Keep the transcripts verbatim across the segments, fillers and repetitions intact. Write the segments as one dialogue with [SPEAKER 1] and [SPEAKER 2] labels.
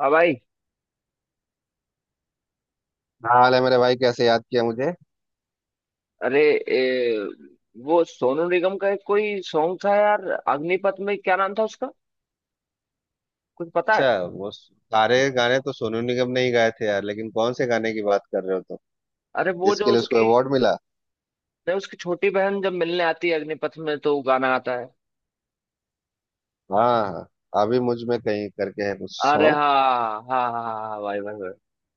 [SPEAKER 1] हाँ भाई।
[SPEAKER 2] क्या हाल है मेरे भाई? कैसे याद किया मुझे?
[SPEAKER 1] अरे ए, वो सोनू निगम का एक कोई सॉन्ग था यार, अग्निपथ में क्या नाम था उसका, कुछ पता है?
[SPEAKER 2] अच्छा। वो सारे गाने तो सोनू निगम ने ही गाए थे यार, लेकिन कौन से गाने की बात कर रहे हो तुम?
[SPEAKER 1] अरे वो
[SPEAKER 2] जिसके
[SPEAKER 1] जो
[SPEAKER 2] लिए उसको
[SPEAKER 1] उसकी,
[SPEAKER 2] अवार्ड मिला।
[SPEAKER 1] नहीं, उसकी छोटी बहन जब मिलने आती है अग्निपथ में तो वो गाना आता है।
[SPEAKER 2] हाँ हाँ। अभी मुझ में कहीं करके है कुछ
[SPEAKER 1] अरे
[SPEAKER 2] सॉन्ग।
[SPEAKER 1] हाँ, हाँ हाँ हाँ हाँ, भाई भाई भाई,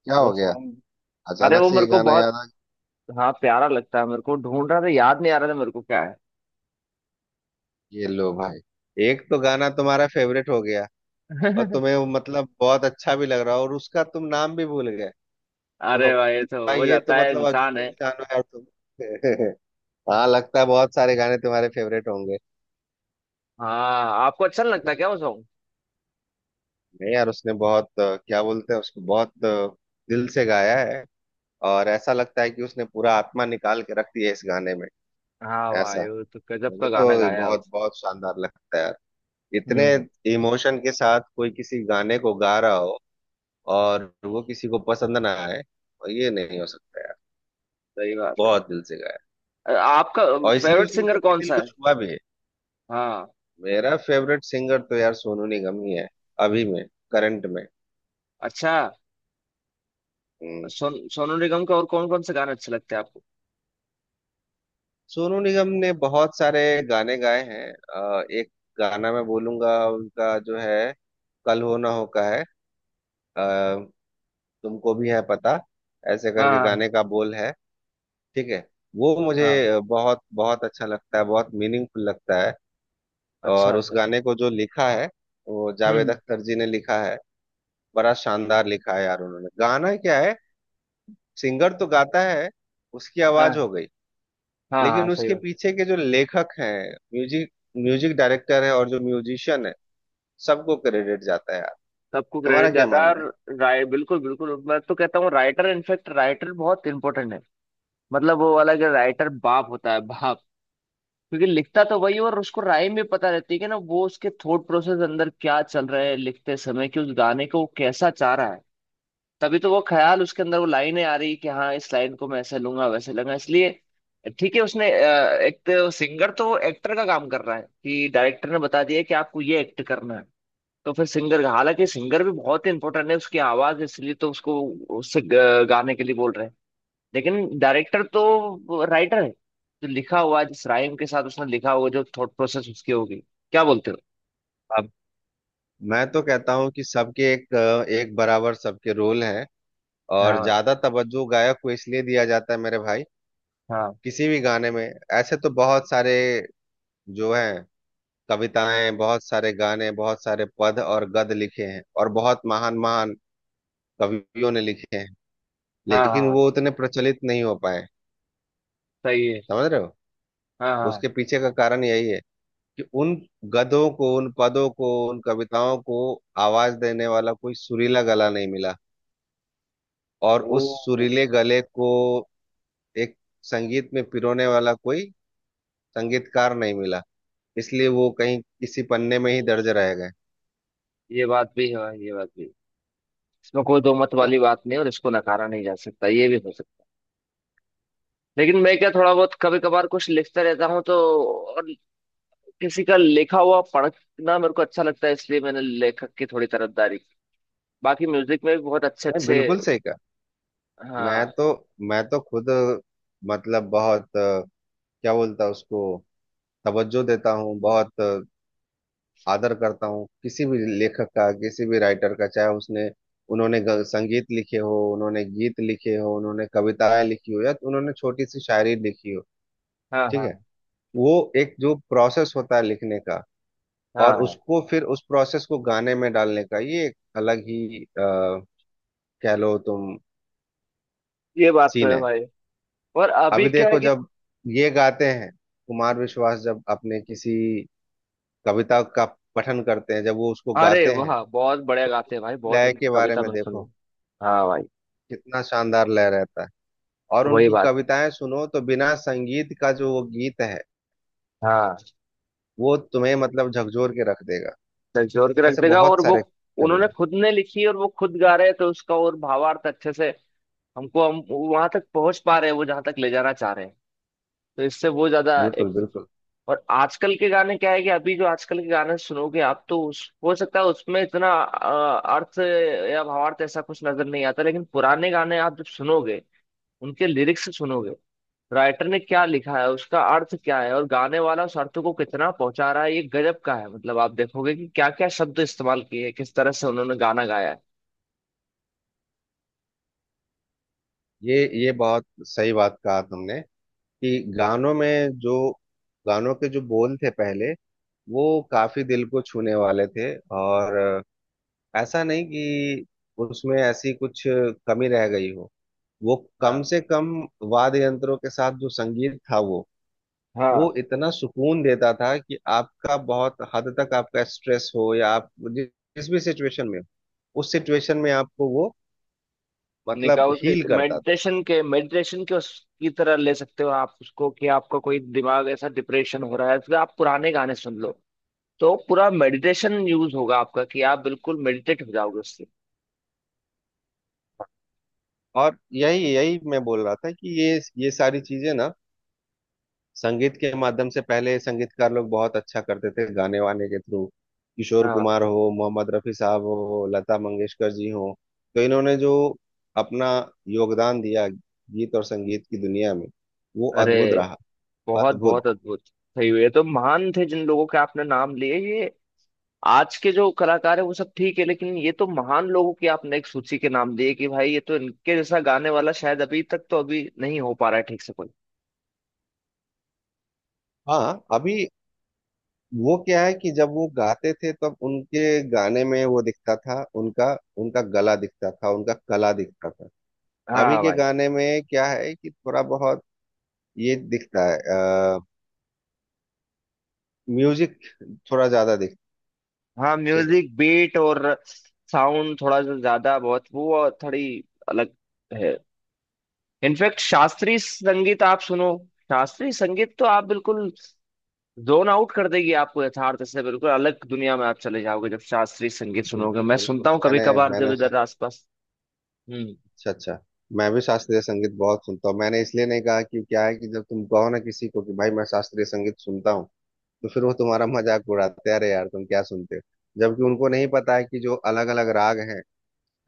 [SPEAKER 2] क्या
[SPEAKER 1] वो
[SPEAKER 2] हो गया?
[SPEAKER 1] सॉन्ग। अरे
[SPEAKER 2] अचानक
[SPEAKER 1] वो
[SPEAKER 2] से
[SPEAKER 1] मेरे
[SPEAKER 2] ये
[SPEAKER 1] को
[SPEAKER 2] गाना
[SPEAKER 1] बहुत,
[SPEAKER 2] याद आ
[SPEAKER 1] हाँ, प्यारा लगता है, मेरे को ढूंढ रहा था, याद नहीं आ रहा था मेरे को क्या है।
[SPEAKER 2] गया, ये लो भाई। एक तो गाना तुम्हारा फेवरेट हो गया, और तुम्हें वो मतलब बहुत अच्छा भी लग रहा, और उसका तुम नाम भी भूल गए। तो
[SPEAKER 1] अरे भाई, ये तो
[SPEAKER 2] भाई,
[SPEAKER 1] हो
[SPEAKER 2] ये तो
[SPEAKER 1] जाता है,
[SPEAKER 2] मतलब
[SPEAKER 1] इंसान
[SPEAKER 2] अजूबे
[SPEAKER 1] है।
[SPEAKER 2] इंसान हो यार तुम। हाँ, लगता है बहुत सारे गाने तुम्हारे फेवरेट होंगे।
[SPEAKER 1] हाँ, आपको अच्छा नहीं लगता क्या वो सॉन्ग?
[SPEAKER 2] नहीं यार, उसने बहुत अ, क्या बोलते हैं उसको, बहुत अ, दिल से गाया है। और ऐसा लगता है कि उसने पूरा आत्मा निकाल के रख दिया है इस गाने में।
[SPEAKER 1] हाँ भाई,
[SPEAKER 2] ऐसा,
[SPEAKER 1] वो तो गजब
[SPEAKER 2] मुझे
[SPEAKER 1] का गाना
[SPEAKER 2] तो
[SPEAKER 1] गाया है
[SPEAKER 2] बहुत
[SPEAKER 1] उसने।
[SPEAKER 2] बहुत शानदार लगता है यार। इतने
[SPEAKER 1] हम्म।
[SPEAKER 2] इमोशन के साथ कोई किसी गाने को गा रहा हो और वो किसी को पसंद ना आए, और ये नहीं हो सकता यार।
[SPEAKER 1] सही बात है।
[SPEAKER 2] बहुत दिल से गाया है,
[SPEAKER 1] आपका
[SPEAKER 2] और इसलिए
[SPEAKER 1] फेवरेट
[SPEAKER 2] उसने
[SPEAKER 1] सिंगर
[SPEAKER 2] सबके
[SPEAKER 1] कौन
[SPEAKER 2] दिल
[SPEAKER 1] सा
[SPEAKER 2] को
[SPEAKER 1] है?
[SPEAKER 2] छुआ भी है।
[SPEAKER 1] हाँ।
[SPEAKER 2] मेरा फेवरेट सिंगर तो यार सोनू निगम ही है, अभी में, करंट में।
[SPEAKER 1] अच्छा।
[SPEAKER 2] हम्म।
[SPEAKER 1] सोन सोनू निगम के और कौन कौन से गाने अच्छे लगते हैं आपको?
[SPEAKER 2] सोनू निगम ने बहुत सारे गाने गाए हैं, अ, एक गाना मैं बोलूंगा उनका जो है, कल हो ना हो का है। अ, तुमको भी है पता, ऐसे
[SPEAKER 1] हाँ
[SPEAKER 2] करके
[SPEAKER 1] हाँ,
[SPEAKER 2] गाने का बोल है। ठीक है। वो मुझे
[SPEAKER 1] हाँ,
[SPEAKER 2] बहुत बहुत अच्छा लगता है, बहुत मीनिंगफुल लगता है।
[SPEAKER 1] अच्छा
[SPEAKER 2] और उस
[SPEAKER 1] अच्छा।
[SPEAKER 2] गाने को जो लिखा है, वो जावेद
[SPEAKER 1] हम्म।
[SPEAKER 2] अख्तर जी ने लिखा है। बड़ा शानदार लिखा है यार उन्होंने, गाना क्या है? सिंगर तो गाता है, उसकी आवाज
[SPEAKER 1] हाँ
[SPEAKER 2] हो गई,
[SPEAKER 1] हाँ, हाँ,
[SPEAKER 2] लेकिन
[SPEAKER 1] सही
[SPEAKER 2] उसके
[SPEAKER 1] बात।
[SPEAKER 2] पीछे के जो लेखक हैं, म्यूजिक म्यूजिक डायरेक्टर है और जो म्यूजिशियन है, सबको क्रेडिट जाता है यार।
[SPEAKER 1] सबको
[SPEAKER 2] तुम्हारा
[SPEAKER 1] क्रेडिट
[SPEAKER 2] क्या
[SPEAKER 1] जाता है।
[SPEAKER 2] मानना
[SPEAKER 1] और
[SPEAKER 2] है?
[SPEAKER 1] राय, बिल्कुल बिल्कुल, मैं तो कहता हूँ राइटर, इनफेक्ट राइटर बहुत इंपॉर्टेंट है। मतलब वो वाला कि राइटर बाप होता है, बाप। क्योंकि लिखता तो वही है और उसको राइम भी पता रहती है कि ना, वो उसके थॉट प्रोसेस अंदर क्या चल रहा है लिखते समय, कि उस गाने को वो कैसा चाह रहा है। तभी तो वो ख्याल उसके अंदर, वो लाइनें आ रही कि हाँ, इस लाइन को मैं ऐसे लूंगा वैसे लूंगा, इसलिए ठीक है। उसने अ, एक तो सिंगर तो एक्टर का काम कर रहा है, कि डायरेक्टर ने बता दिया कि आपको ये एक्ट करना है, तो फिर सिंगर का, हालांकि सिंगर भी बहुत इंपॉर्टेंट है, उसकी आवाज, इसलिए तो उसको, उससे ग- गाने के लिए बोल रहे हैं। लेकिन डायरेक्टर तो राइटर है, जो लिखा हुआ है, जिस राइम के साथ उसने लिखा हुआ, जो थॉट प्रोसेस उसकी होगी। क्या बोलते हो?
[SPEAKER 2] अब, मैं तो कहता हूँ कि सबके एक एक बराबर सबके रोल हैं। और
[SPEAKER 1] हाँ भाई,
[SPEAKER 2] ज्यादा तवज्जो गायक को इसलिए दिया जाता है मेरे भाई,
[SPEAKER 1] हाँ।
[SPEAKER 2] किसी भी गाने में। ऐसे तो बहुत सारे जो हैं, कविताएं, बहुत सारे गाने, बहुत सारे पद और गद लिखे हैं, और बहुत महान महान कवियों ने लिखे हैं,
[SPEAKER 1] हाँ
[SPEAKER 2] लेकिन
[SPEAKER 1] हाँ,
[SPEAKER 2] वो उतने प्रचलित नहीं हो पाए।
[SPEAKER 1] सही है।
[SPEAKER 2] समझ रहे हो?
[SPEAKER 1] हाँ
[SPEAKER 2] उसके
[SPEAKER 1] हाँ।
[SPEAKER 2] पीछे का कारण यही है कि उन गद्यों को, उन पदों को, उन कविताओं को आवाज देने वाला कोई सुरीला गला नहीं मिला, और
[SPEAKER 1] ओ,
[SPEAKER 2] उस सुरीले गले को एक संगीत में पिरोने वाला कोई संगीतकार नहीं मिला, इसलिए वो कहीं किसी पन्ने में ही दर्ज रह गए। है
[SPEAKER 1] ये बात भी है भाई, ये बात भी है। इसमें कोई दो मत
[SPEAKER 2] ना?
[SPEAKER 1] वाली बात नहीं है और इसको नकारा नहीं जा सकता, ये भी हो सकता है। लेकिन मैं क्या, थोड़ा बहुत कभी कभार कुछ लिखता रहता हूँ तो, और किसी का लिखा हुआ पढ़ना मेरे को अच्छा लगता है, इसलिए मैंने लेखक की थोड़ी तरफदारी की। बाकी म्यूजिक में भी बहुत अच्छे
[SPEAKER 2] नहीं,
[SPEAKER 1] अच्छे।
[SPEAKER 2] बिल्कुल सही कहा। मैं
[SPEAKER 1] हाँ।
[SPEAKER 2] तो मैं तो खुद मतलब बहुत अ, क्या बोलता उसको, तवज्जो देता हूँ, बहुत अ, आदर करता हूँ किसी भी लेखक का, किसी भी राइटर का, चाहे उसने उन्होंने ग- संगीत लिखे हो, उन्होंने गीत लिखे हो, उन्होंने कविताएं लिखी हो, या तो उन्होंने छोटी सी शायरी लिखी हो।
[SPEAKER 1] हाँ
[SPEAKER 2] ठीक है।
[SPEAKER 1] हाँ,
[SPEAKER 2] वो एक जो प्रोसेस होता है लिखने का,
[SPEAKER 1] हाँ
[SPEAKER 2] और
[SPEAKER 1] हाँ,
[SPEAKER 2] उसको फिर उस प्रोसेस को गाने में डालने का, ये एक अलग ही आ, कह लो तुम,
[SPEAKER 1] ये बात तो
[SPEAKER 2] सीन
[SPEAKER 1] है
[SPEAKER 2] है।
[SPEAKER 1] भाई। और अभी
[SPEAKER 2] अभी
[SPEAKER 1] क्या है
[SPEAKER 2] देखो,
[SPEAKER 1] कि,
[SPEAKER 2] जब ये गाते हैं, कुमार विश्वास जब अपने किसी कविता का पठन करते हैं, जब वो उसको
[SPEAKER 1] अरे
[SPEAKER 2] गाते हैं,
[SPEAKER 1] वाह, बहुत बढ़िया
[SPEAKER 2] तो
[SPEAKER 1] गाते हैं भाई, बहुत,
[SPEAKER 2] लय
[SPEAKER 1] उनकी
[SPEAKER 2] के बारे
[SPEAKER 1] कविता
[SPEAKER 2] में
[SPEAKER 1] मैंने
[SPEAKER 2] देखो,
[SPEAKER 1] सुनी। हाँ भाई।
[SPEAKER 2] कितना शानदार लय रहता है। और
[SPEAKER 1] वही
[SPEAKER 2] उनकी
[SPEAKER 1] बात।
[SPEAKER 2] कविताएं सुनो तो बिना संगीत का जो वो गीत है,
[SPEAKER 1] हाँ,
[SPEAKER 2] वो तुम्हें मतलब झकझोर के रख देगा।
[SPEAKER 1] झकझोर के रख
[SPEAKER 2] ऐसे
[SPEAKER 1] देगा। और
[SPEAKER 2] बहुत
[SPEAKER 1] वो
[SPEAKER 2] सारे कवि
[SPEAKER 1] उन्होंने
[SPEAKER 2] हैं।
[SPEAKER 1] खुद ने लिखी और वो खुद गा रहे हैं, तो उसका और भावार्थ अच्छे से, हमको, हम वहां तक पहुंच पा रहे हैं वो जहां तक ले जाना चाह रहे हैं। तो इससे वो ज्यादा
[SPEAKER 2] बिल्कुल
[SPEAKER 1] एक चीज है।
[SPEAKER 2] बिल्कुल।
[SPEAKER 1] और आजकल के गाने क्या है कि, अभी जो आजकल के गाने सुनोगे आप, तो उस, हो सकता है उसमें इतना अ, अर्थ या भावार्थ ऐसा कुछ नजर नहीं आता, लेकिन पुराने गाने आप जब सुनोगे, उनके लिरिक्स सुनोगे, राइटर ने क्या लिखा है, उसका अर्थ क्या है, और गाने वाला उस अर्थ को कितना पहुंचा रहा है, ये गजब का है। मतलब आप देखोगे कि क्या क्या शब्द इस्तेमाल किए हैं, किस तरह से उन्होंने गाना गाया है।
[SPEAKER 2] ये ये बहुत सही बात कहा तुमने, कि गानों में जो, गानों के जो बोल थे पहले, वो काफी दिल को छूने वाले थे। और ऐसा नहीं कि उसमें ऐसी कुछ कमी रह गई हो। वो
[SPEAKER 1] हाँ
[SPEAKER 2] कम से कम वाद्य यंत्रों के साथ जो संगीत था, वो
[SPEAKER 1] हाँ।
[SPEAKER 2] वो इतना सुकून देता था कि आपका बहुत हद तक, आपका स्ट्रेस हो या आप जि- जिस भी सिचुएशन में हो, उस सिचुएशन में आपको वो
[SPEAKER 1] निकाह
[SPEAKER 2] मतलब हील
[SPEAKER 1] उसके,
[SPEAKER 2] करता था।
[SPEAKER 1] मेडिटेशन के, मेडिटेशन के उसकी तरह ले सकते हो आप उसको, कि आपका कोई दिमाग ऐसा डिप्रेशन हो रहा है, फिर आप पुराने गाने सुन लो, तो पूरा मेडिटेशन यूज होगा आपका, कि आप बिल्कुल मेडिटेट हो जाओगे उससे।
[SPEAKER 2] और यही यही मैं बोल रहा था कि ये ये सारी चीजें ना, संगीत के माध्यम से पहले संगीतकार लोग बहुत अच्छा करते थे गाने वाने के थ्रू। किशोर
[SPEAKER 1] हाँ।
[SPEAKER 2] कुमार हो, मोहम्मद रफी साहब हो, लता मंगेशकर जी हो, तो इन्होंने जो अपना योगदान दिया गीत और संगीत की दुनिया में, वो
[SPEAKER 1] अरे
[SPEAKER 2] अद्भुत रहा।
[SPEAKER 1] बहुत
[SPEAKER 2] अद्भुत।
[SPEAKER 1] बहुत अद्भुत, सही हुई। ये तो महान थे जिन लोगों के आपने नाम लिए। ये आज के जो कलाकार है वो सब ठीक है, लेकिन ये तो महान लोगों की आपने एक सूची के नाम दिए, कि भाई ये तो, इनके जैसा गाने वाला शायद अभी तक, तो अभी नहीं हो पा रहा है ठीक से कोई।
[SPEAKER 2] हाँ, अभी वो क्या है कि जब वो गाते थे, तब उनके गाने में वो दिखता था, उनका उनका गला दिखता था, उनका कला दिखता था। अभी
[SPEAKER 1] हाँ
[SPEAKER 2] के
[SPEAKER 1] भाई।
[SPEAKER 2] गाने में क्या है कि थोड़ा बहुत ये दिखता है, आ, म्यूजिक थोड़ा ज्यादा दिखता
[SPEAKER 1] हाँ,
[SPEAKER 2] है, ठीक है।
[SPEAKER 1] म्यूजिक बीट और साउंड थोड़ा सा ज्यादा, बहुत वो, और थोड़ी अलग है। इनफैक्ट शास्त्रीय संगीत आप सुनो, शास्त्रीय संगीत तो आप बिल्कुल, जोन आउट कर देगी आपको, यथार्थ से बिल्कुल अलग दुनिया में आप चले जाओगे जब शास्त्रीय संगीत सुनोगे।
[SPEAKER 2] बिल्कुल
[SPEAKER 1] मैं सुनता
[SPEAKER 2] बिल्कुल।
[SPEAKER 1] हूँ कभी
[SPEAKER 2] मैंने
[SPEAKER 1] कभार, जब
[SPEAKER 2] मैंने स-
[SPEAKER 1] इधर आसपास। हम्म।
[SPEAKER 2] अच्छा अच्छा, मैं भी शास्त्रीय संगीत बहुत सुनता हूँ। मैंने इसलिए नहीं कहा कि, क्या है कि जब तुम कहो ना किसी को कि भाई मैं शास्त्रीय संगीत सुनता हूँ, तो फिर वो तुम्हारा मजाक उड़ाते हैं, अरे यार तुम क्या सुनते हो, जबकि उनको नहीं पता है कि जो अलग अलग राग हैं,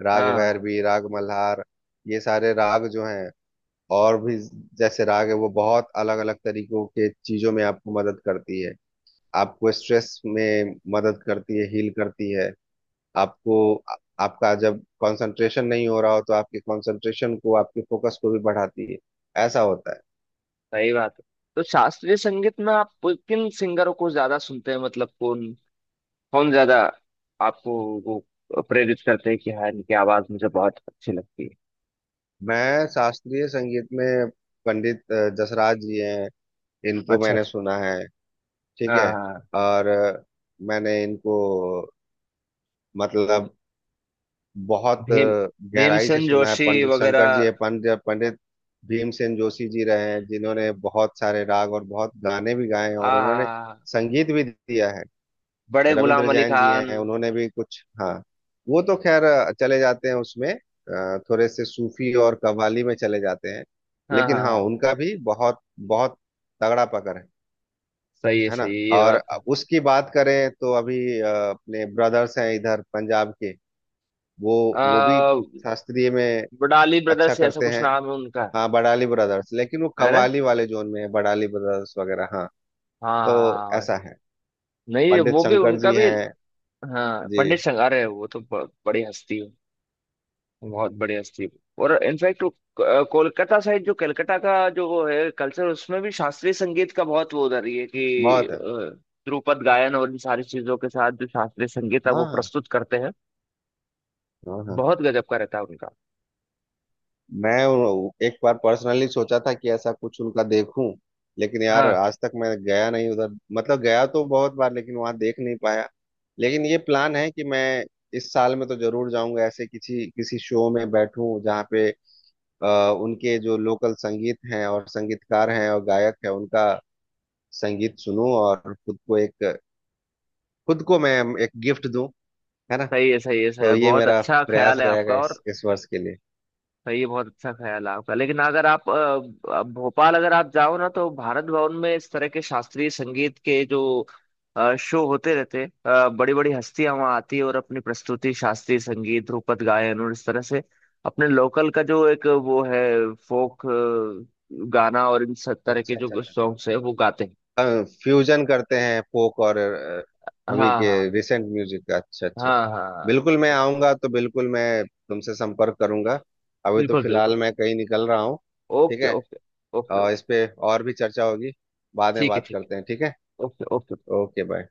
[SPEAKER 2] राग
[SPEAKER 1] हाँ,
[SPEAKER 2] भैरवी, राग मल्हार, ये सारे राग जो हैं, और भी जैसे राग है, वो बहुत अलग अलग तरीकों के चीजों में आपको मदद करती है। आपको स्ट्रेस में मदद करती है, हील करती है, आपको, आ- आपका जब कंसंट्रेशन नहीं हो रहा हो, तो आपके कंसंट्रेशन को, आपके फोकस को भी बढ़ाती है। ऐसा होता है।
[SPEAKER 1] सही बात है। तो शास्त्रीय संगीत में आप किन सिंगरों को ज्यादा सुनते हैं, मतलब कौन कौन ज्यादा आपको वो प्रेरित करते हैं कि हाँ, इनकी आवाज मुझे बहुत अच्छी लगती है?
[SPEAKER 2] मैं शास्त्रीय संगीत में, पंडित अ, जसराज जी हैं, इनको
[SPEAKER 1] अच्छा अच्छा।
[SPEAKER 2] मैंने सुना है। ठीक
[SPEAKER 1] हाँ
[SPEAKER 2] है।
[SPEAKER 1] हाँ, हाँ।
[SPEAKER 2] और अ, मैंने इनको मतलब बहुत
[SPEAKER 1] भीम,
[SPEAKER 2] अ, गहराई से
[SPEAKER 1] भीमसेन
[SPEAKER 2] सुना है।
[SPEAKER 1] जोशी
[SPEAKER 2] पंडित
[SPEAKER 1] वगैरह।
[SPEAKER 2] शंकर जी है, पंडित पंडित भीमसेन जोशी जी रहे हैं, जिन्होंने बहुत सारे राग और बहुत गाने भी गाए हैं, और उन्होंने
[SPEAKER 1] आ,
[SPEAKER 2] संगीत भी दिया है।
[SPEAKER 1] बड़े
[SPEAKER 2] रविंद्र
[SPEAKER 1] गुलाम अली
[SPEAKER 2] जैन जी
[SPEAKER 1] खान।
[SPEAKER 2] हैं, उन्होंने भी कुछ, हाँ, वो तो खैर अ, चले जाते हैं उसमें, अ, थोड़े से सूफी और कव्वाली में चले जाते हैं।
[SPEAKER 1] हाँ
[SPEAKER 2] लेकिन
[SPEAKER 1] हाँ
[SPEAKER 2] हाँ,
[SPEAKER 1] हाँ।
[SPEAKER 2] उनका भी बहुत बहुत तगड़ा पकड़ है
[SPEAKER 1] सही है
[SPEAKER 2] है ना?
[SPEAKER 1] सही है, ये
[SPEAKER 2] और
[SPEAKER 1] बात है।
[SPEAKER 2] उसकी बात करें, तो अभी अ, अपने ब्रदर्स हैं इधर पंजाब के, वो वो भी
[SPEAKER 1] आ,
[SPEAKER 2] शास्त्रीय में
[SPEAKER 1] बडाली
[SPEAKER 2] अच्छा
[SPEAKER 1] ब्रदर्स, ऐसा
[SPEAKER 2] करते
[SPEAKER 1] कुछ
[SPEAKER 2] हैं।
[SPEAKER 1] नाम है उनका?
[SPEAKER 2] हाँ बड़ाली ब्रदर्स, लेकिन वो
[SPEAKER 1] है ना?
[SPEAKER 2] कव्वाली वाले जोन में है, बड़ाली ब्रदर्स वगैरह। हाँ,
[SPEAKER 1] हाँ
[SPEAKER 2] तो
[SPEAKER 1] हाँ, हाँ।
[SPEAKER 2] ऐसा है,
[SPEAKER 1] नहीं,
[SPEAKER 2] पंडित
[SPEAKER 1] वो भी,
[SPEAKER 2] शंकर
[SPEAKER 1] उनका
[SPEAKER 2] जी
[SPEAKER 1] भी।
[SPEAKER 2] हैं
[SPEAKER 1] हाँ,
[SPEAKER 2] जी,
[SPEAKER 1] पंडित संगारे है, वो तो ब, बड़ी हस्ती है। बहुत बढ़िया स्टीव। और इनफैक्ट कोलकाता साइड, जो कलकत्ता का जो वो है कल्चर, उसमें भी शास्त्रीय संगीत का बहुत वो, उधर ही है कि
[SPEAKER 2] बहुत
[SPEAKER 1] अ,
[SPEAKER 2] है।
[SPEAKER 1] ध्रुपद गायन और इन सारी चीजों के साथ जो शास्त्रीय संगीत है
[SPEAKER 2] हाँ
[SPEAKER 1] वो
[SPEAKER 2] हाँ
[SPEAKER 1] प्रस्तुत करते हैं।
[SPEAKER 2] हाँ हाँ।
[SPEAKER 1] बहुत गजब का रहता है उनका।
[SPEAKER 2] मैं उन- एक बार पर्सनली सोचा था कि ऐसा कुछ उनका देखूं, लेकिन यार
[SPEAKER 1] हाँ,
[SPEAKER 2] आज तक मैं गया नहीं उधर, मतलब गया तो बहुत बार, लेकिन वहां देख नहीं पाया। लेकिन ये प्लान है कि मैं इस साल में तो जरूर जाऊंगा, ऐसे किसी किसी शो में बैठूं, जहाँ पे अ, उनके जो लोकल संगीत हैं और संगीतकार हैं और गायक हैं, उनका संगीत सुनूं, और खुद को एक खुद को मैं एक गिफ्ट दूं, है ना?
[SPEAKER 1] सही है सही है सही
[SPEAKER 2] तो
[SPEAKER 1] है,
[SPEAKER 2] ये
[SPEAKER 1] बहुत
[SPEAKER 2] मेरा
[SPEAKER 1] अच्छा
[SPEAKER 2] प्रयास
[SPEAKER 1] ख्याल है
[SPEAKER 2] रहेगा
[SPEAKER 1] आपका।
[SPEAKER 2] इस
[SPEAKER 1] और
[SPEAKER 2] इस वर्ष के लिए।
[SPEAKER 1] भाई ये बहुत अच्छा ख्याल है आपका, लेकिन अगर आप अ, अ, भोपाल अगर आप जाओ ना, तो भारत भवन में इस तरह के शास्त्रीय संगीत के जो अ, शो होते रहते हैं, बड़ी बड़ी हस्तियां वहाँ आती है और अपनी प्रस्तुति, शास्त्रीय संगीत, ध्रुपद गायन, और इस तरह से अपने लोकल का जो एक वो है, फोक गाना और इन सब तरह के
[SPEAKER 2] अच्छा अच्छा,
[SPEAKER 1] जो सॉन्ग्स है, वो गाते हैं।
[SPEAKER 2] अच्छा फ्यूजन करते हैं, फोक और अ, अभी
[SPEAKER 1] हाँ
[SPEAKER 2] के
[SPEAKER 1] हाँ,
[SPEAKER 2] रिसेंट म्यूजिक का। अच्छा अच्छा
[SPEAKER 1] हाँ
[SPEAKER 2] अच्छा।
[SPEAKER 1] हाँ, हाँ।
[SPEAKER 2] बिल्कुल, मैं आऊंगा तो बिल्कुल मैं तुमसे संपर्क करूंगा। अभी तो
[SPEAKER 1] बिल्कुल बिल्कुल।
[SPEAKER 2] फिलहाल मैं कहीं निकल रहा हूँ। ठीक
[SPEAKER 1] ओके
[SPEAKER 2] है,
[SPEAKER 1] ओके। ओके
[SPEAKER 2] और
[SPEAKER 1] ओके।
[SPEAKER 2] इस पे और भी चर्चा होगी, बाद में
[SPEAKER 1] ठीक है
[SPEAKER 2] बात
[SPEAKER 1] ठीक
[SPEAKER 2] करते हैं, ठीक है।
[SPEAKER 1] है। Okay okay.
[SPEAKER 2] Okay, bye.